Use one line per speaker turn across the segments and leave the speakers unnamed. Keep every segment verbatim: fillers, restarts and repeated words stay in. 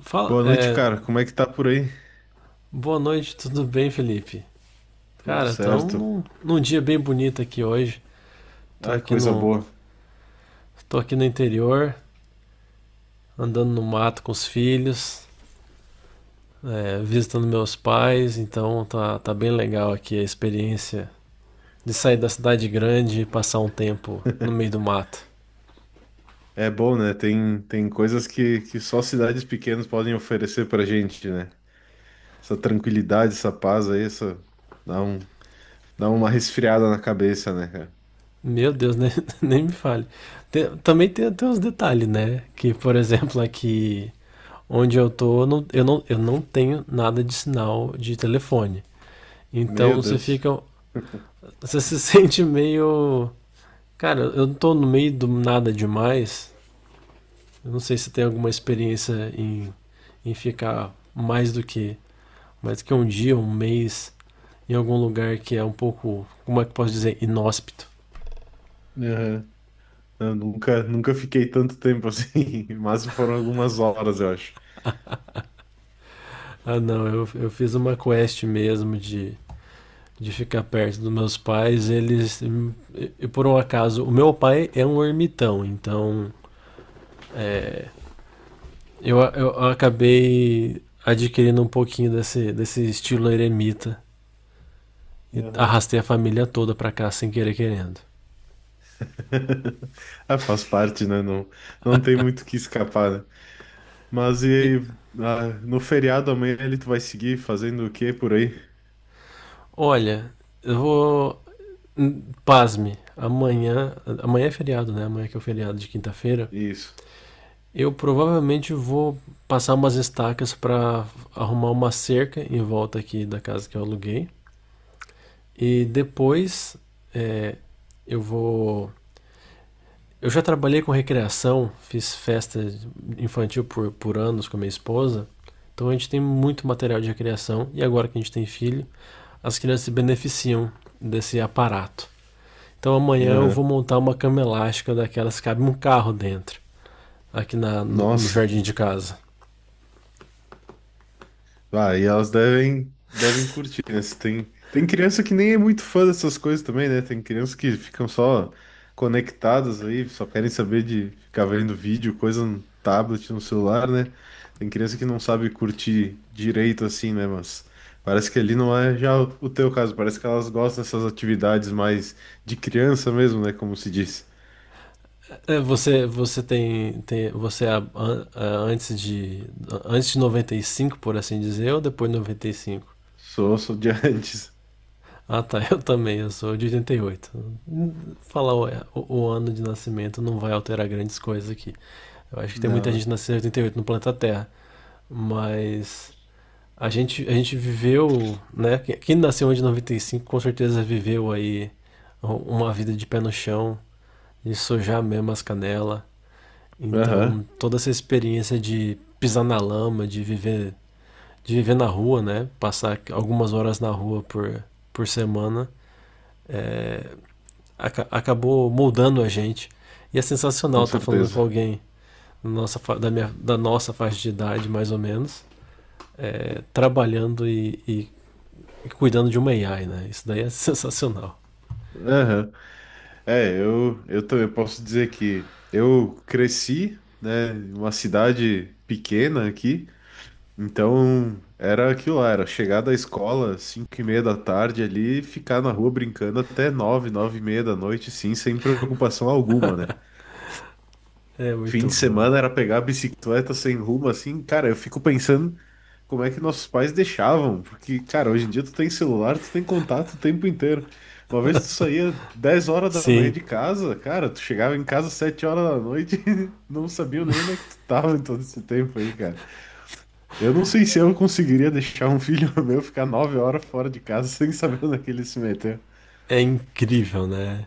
Fala,
Boa noite,
é,
cara. Como é que tá por aí?
boa noite, tudo bem, Felipe?
Tudo
Cara, estamos
certo.
num, num dia bem bonito aqui hoje. Tô
Ah,
aqui
coisa
no,
boa.
Tô aqui no interior, andando no mato com os filhos, é, visitando meus pais, então tá, tá bem legal aqui a experiência de sair da cidade grande e passar um tempo no meio do mato.
É bom, né? Tem, tem coisas que, que só cidades pequenas podem oferecer pra gente, né? Essa tranquilidade, essa paz aí, essa... Dá um, dá uma resfriada na cabeça, né, cara?
Meu Deus, nem, nem me fale. Tem- também tem, tem uns detalhes, né? Que, por exemplo, aqui onde eu tô, eu não, eu não, eu não tenho nada de sinal de telefone.
Meu
Então você
Deus.
fica. Você se sente meio. Cara, eu não tô no meio do nada demais. Eu não sei se tem alguma experiência em, em ficar mais do que. Mais do que um dia, um mês, em algum lugar que é um pouco. Como é que eu posso dizer? Inóspito.
Aham. Eu nunca, nunca fiquei tanto tempo assim, mas foram algumas horas, eu acho.
Ah, não, eu, eu fiz uma quest mesmo de, de ficar perto dos meus pais. Eles. E por um acaso, o meu pai é um ermitão, então. É, Eu, eu, acabei adquirindo um pouquinho desse, desse estilo eremita e
Aham.
arrastei a família toda pra cá sem querer querendo.
Ah, faz parte, né? Não, não tem muito o que escapar, né? Mas
E,
e, ah, no feriado amanhã, ele tu vai seguir fazendo o quê por aí?
olha, eu vou. hum, Pasme, amanhã. Amanhã é feriado, né? Amanhã que é o feriado de quinta-feira.
Isso.
Eu provavelmente vou passar umas estacas pra arrumar uma cerca em volta aqui da casa que eu aluguei. E depois é, eu vou Eu já trabalhei com recreação, fiz festa infantil por, por anos com a minha esposa. Então a gente tem muito material de recreação e agora que a gente tem filho, as crianças se beneficiam desse aparato. Então amanhã eu
Aham.
vou montar uma cama elástica daquelas que cabe um carro dentro, aqui na, no, no
Nossa.
jardim de casa.
Ah, e elas devem, devem curtir, né? Se Tem, tem criança que nem é muito fã dessas coisas também, né? Tem criança que ficam só conectadas aí, só querem saber de ficar vendo vídeo, coisa no tablet, no celular, né? Tem criança que não sabe curtir direito assim, né? Mas parece que ali não é já o teu caso, parece que elas gostam dessas atividades mais de criança mesmo, né? Como se diz.
Você, você tem, tem você a- a- a- antes de a, antes de noventa e cinco, por assim dizer, ou depois de noventa e cinco?
Sou, sou de antes.
Ah, tá. Eu também. Eu sou de oitenta e oito. Falar o, o, o ano de nascimento não vai alterar grandes coisas aqui. Eu acho que tem muita
Não.
gente nascida em oitenta e oito no planeta Terra. Mas a gente, a gente viveu, né? Quem quem nasceu em cinco com certeza viveu aí uma vida de pé no chão, de sojar mesmo as canelas. Então,
Aham,
toda essa experiência de pisar na lama, de viver, de viver na rua, né? Passar algumas horas na rua por, por semana. É, aca- Acabou moldando a gente. E é
com
sensacional estar falando com
certeza.
alguém nossa, da, minha, da nossa faixa de idade, mais ou menos, é, trabalhando e, e- e cuidando de uma A I, né? Isso daí é sensacional.
Aham. É, eu, eu também posso dizer que eu cresci, né, em uma cidade pequena aqui, então era aquilo lá, era chegar da escola cinco e meia da tarde ali, e ficar na rua brincando até nove, nove e meia da noite, sim, sem preocupação alguma, né?
É
Fim
muito
de
bom.
semana era pegar a bicicleta sem rumo, assim, cara, eu fico pensando como é que nossos pais deixavam, porque, cara, hoje em dia tu tem celular, tu tem contato o tempo inteiro. Uma vez tu saía dez horas da manhã
Sim,
de casa, cara, tu chegava em casa sete horas da noite e não sabia nem onde é que tu tava em todo esse tempo aí, cara. Eu não sei se eu conseguiria deixar um filho meu ficar nove horas fora de casa sem saber onde é que ele se meteu.
é incrível, né?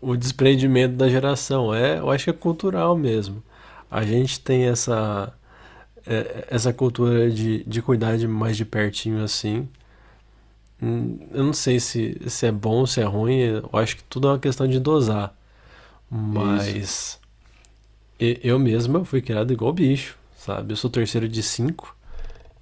O desprendimento da geração é, eu acho que é cultural mesmo. A gente tem essa é, essa cultura de, de cuidar de mais de pertinho assim. Hum, Eu não sei se, se é bom, se é ruim, eu acho que tudo é uma questão de dosar.
É isso.
Mas eu mesmo eu fui criado igual bicho, sabe? Eu sou terceiro de cinco,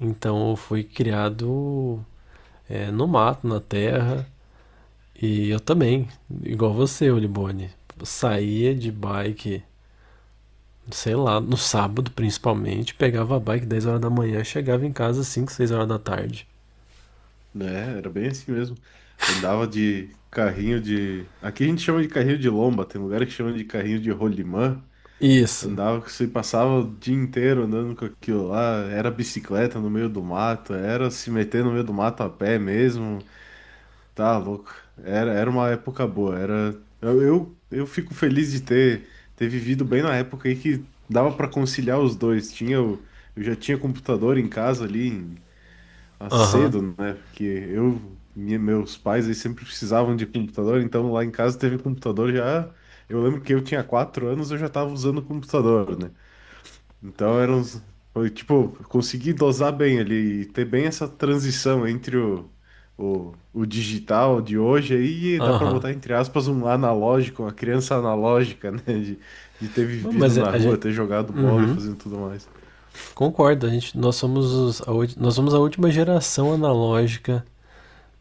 então eu fui criado é, no mato, na terra. E eu também, igual você, Olibone. Eu Saía de bike, sei lá, no sábado principalmente, pegava a bike dez horas da manhã, chegava em casa cinco seis horas da tarde.
Né? Era bem assim mesmo. Andava de carrinho de. Aqui a gente chama de carrinho de lomba, tem lugar que chama de carrinho de rolimã.
Isso.
Andava, você passava o dia inteiro andando com aquilo lá. Era bicicleta no meio do mato, era se meter no meio do mato a pé mesmo. Tá louco. Era, era uma época boa. Era. Eu, eu, eu fico feliz de ter, ter vivido bem na época aí que dava para conciliar os dois. Tinha o. Eu já tinha computador em casa ali, a
Aham,
cedo, né? Porque eu, minha- meus pais, eles sempre precisavam de computador, então lá em casa teve computador já. Eu lembro que eu tinha quatro anos, eu já tava usando computador, né? Então eram uns, foi tipo, eu consegui dosar bem ali e ter bem essa transição entre o, o, o digital de hoje aí, e
uhum,
dá pra
aham.
botar entre aspas um analógico, uma criança analógica, né? De, de ter
uhum.
vivido
Mas é-
na
a
rua,
gente.
ter jogado bola e
Uhum.
fazendo tudo mais.
Concordo, a gente, nós somos os- a, ulti- nós somos a última geração analógica,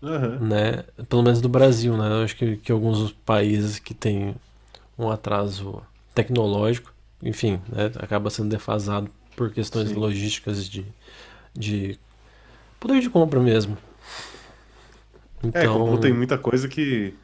Aham,
né? Pelo menos do Brasil, né? Eu acho que, que alguns países que têm um atraso tecnológico, enfim, né? acaba sendo defasado por questões
sim.
logísticas de, de poder de compra mesmo.
É, como tem
Então.
muita coisa que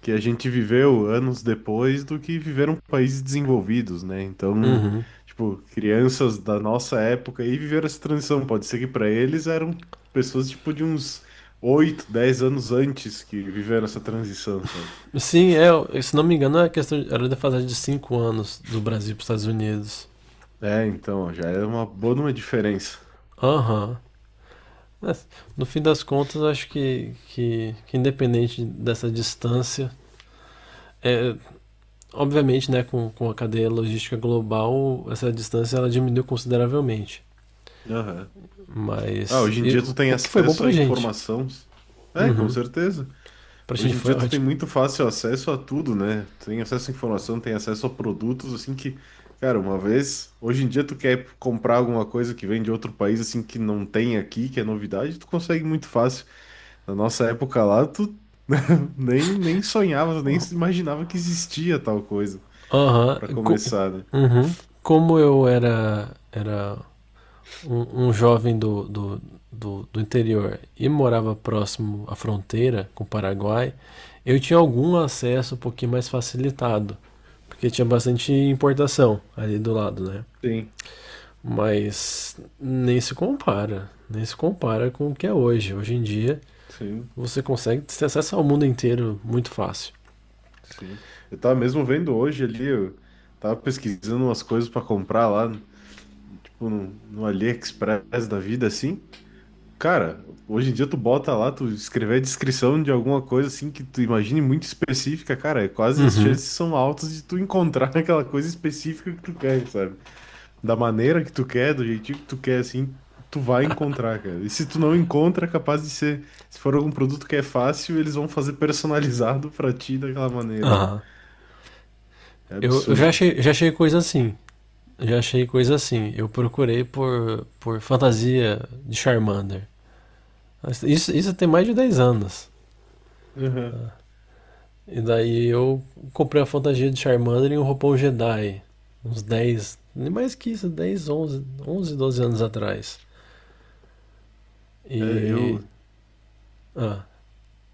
que a gente viveu anos depois do que viveram países desenvolvidos, né? Então,
Uhum.
tipo, crianças da nossa época aí viveram essa transição. Pode ser que para eles eram pessoas tipo de uns oito, dez anos antes que viveram essa transição, sabe?
Sim, é, se não me engano, é questão, era defasagem de cinco anos do Brasil para os Estados Unidos.
É, então, ó, já é uma boa de uma diferença.
Aham. Mas, No fim das contas, acho que, que, que independente dessa distância, É, obviamente, né, com, com a cadeia logística global, essa distância ela diminuiu consideravelmente.
Aham. Ah,
Mas
hoje em
e
dia tu tem
o- que foi bom
acesso
pra
à
gente?
informação. É, com
Uhum.
certeza.
Pra gente
Hoje em
foi
dia tu tem
ótimo.
muito fácil acesso a tudo, né? Tu tem acesso à informação, tem acesso a produtos, assim que, cara, uma vez, hoje em dia tu quer comprar alguma coisa que vem de outro país, assim, que não tem aqui, que é novidade, tu consegue muito fácil. Na nossa época lá, tu nem, nem sonhava, nem se imaginava que existia tal coisa,
Aham.
pra
Co-
começar, né?
uhum. Como eu era, era um, um jovem do, do, do, do interior e morava próximo à fronteira com o Paraguai, eu tinha algum acesso um pouquinho mais facilitado, porque tinha bastante importação ali do lado, né?
Sim,
Mas nem se compara, nem se compara com o que é hoje. Hoje em dia
sim,
você consegue ter acesso ao mundo inteiro muito fácil.
sim. Eu tava mesmo vendo hoje ali, eu tava pesquisando umas coisas pra comprar lá, tipo no, no AliExpress da vida, assim. Cara, hoje em dia tu bota lá, tu escrever a descrição de alguma coisa assim que tu imagine muito específica, cara, é quase as
Uhum.
chances são altas de tu encontrar aquela coisa específica que tu quer, sabe? Da maneira que tu quer, do jeitinho que tu quer, assim, tu vai encontrar, cara. E se tu não encontra, é capaz de ser, se for algum produto que é fácil, eles vão fazer personalizado pra ti daquela maneira
Aham.
ainda. É
Eu, eu já
absurdo.
achei, já achei coisa assim. Já achei coisa assim. Eu procurei por, por fantasia de Charmander. Isso, isso tem mais de dez anos.
Uhum.
E daí eu comprei a fantasia de Charmander e um roupão Jedi. Uns dez, nem mais que isso, dez, onze, onze, doze anos atrás.
É,
E
eu.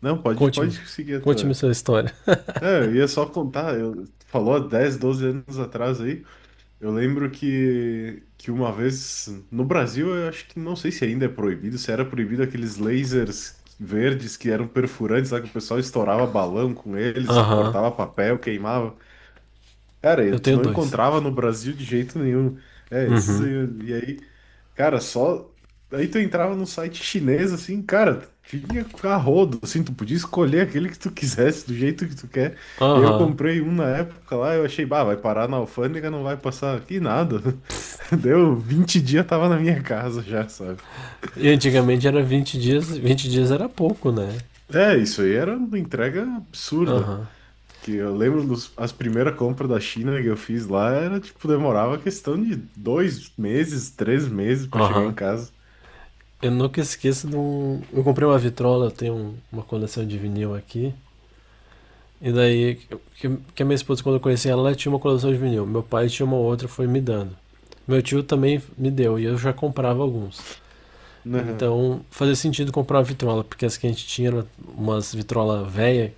Não, pode,
Conte-me.
pode seguir a
Conte-me
tua.
sua história.
É, eu ia só contar, eu... tu falou há dez, doze anos atrás aí. Eu lembro que, que uma vez no Brasil, eu acho que não sei se ainda é proibido, se era proibido aqueles lasers verdes que eram perfurantes, lá que o pessoal estourava balão com eles,
Aham.
cortava papel, queimava. Cara, e
Eu
tu
tenho
não
dois.
encontrava no Brasil de jeito nenhum. É, esses
Uhum.
aí, e aí, cara, só aí tu entrava num site chinês assim, cara, tinha a rodo, assim, tu podia escolher aquele que tu quisesse, do jeito que tu quer. E aí eu
Aham.
comprei um na época lá, eu achei, bah, vai parar na alfândega, não vai passar aqui nada. Deu vinte dias, tava na minha casa já, sabe?
E antigamente era vinte dias. vinte dias era pouco, né?
É, isso aí era uma entrega absurda.
Aham.
Que eu lembro dos, as primeiras compras da China que eu fiz lá, era tipo, demorava questão de dois meses, três meses pra chegar em
Aham.
casa.
Eu nunca esqueço de um. Eu comprei uma vitrola, eu tenho um- uma coleção de vinil aqui. E daí, que, que a minha esposa, quando eu conheci ela, ela tinha uma coleção de vinil. Meu pai tinha uma outra, foi me dando. Meu tio também me deu, e eu já comprava alguns.
Aham,
Então, fazia sentido comprar uma vitrola, porque as que a gente tinha eram umas vitrola velha,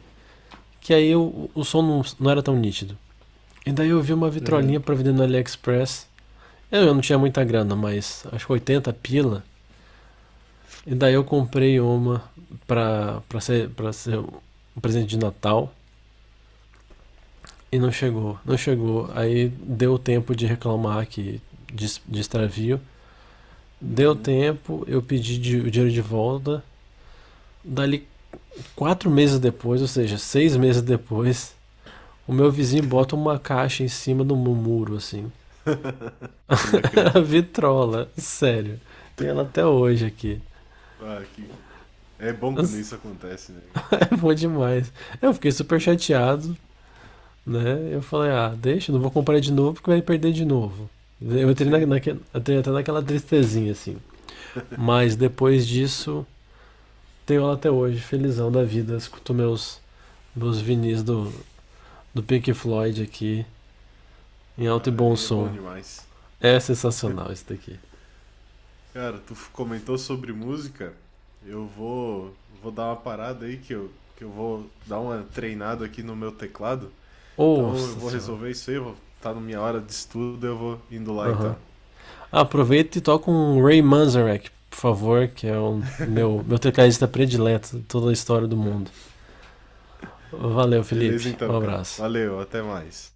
que aí o, o som não, não era tão nítido. E daí eu vi uma vitrolinha
aham.
pra vender no AliExpress. Eu, eu não tinha muita grana, mas acho que oitenta pila. E daí eu comprei uma pra, pra, ser, pra ser um presente de Natal. E não chegou, não chegou. Aí deu tempo de reclamar que de, de extravio. Deu
Uhum.
tempo, eu pedi de- o dinheiro de volta. Dali quatro meses depois, ou seja, seis meses depois, o meu vizinho bota uma caixa em cima do muro, assim.
Eu não
A
acredito.
vitrola, sério. Tenho ela até hoje aqui.
Ah, que... É bom quando isso acontece, né, cara?
É bom demais. Eu fiquei super chateado, né? Eu falei, ah, deixa, não vou comprar de novo porque vai perder de novo. Eu entrei, na,
Sim,
naque- entrei até naquela tristezinha, assim. Mas depois disso, tenho ela até hoje, felizão da vida. Escuto meus, meus vinis do, do Pink Floyd aqui, em alto e
ah,
bom
e é bom
som.
demais.
É sensacional isso daqui.
Cara, tu f- comentou sobre música. Eu vou, vou dar uma parada aí que eu, que eu vou dar uma treinada aqui no meu teclado. Então eu
Nossa
vou
senhora.
resolver isso aí, vou tá na minha hora de estudo, eu vou indo lá
Aham. Uhum.
então.
Ah, Aproveita e toca um Ray Manzarek, por favor, que é o meu, meu tecladista predileto de toda a história do mundo. Valeu, Felipe.
Beleza
Um
então, cara.
abraço.
Valeu, até mais.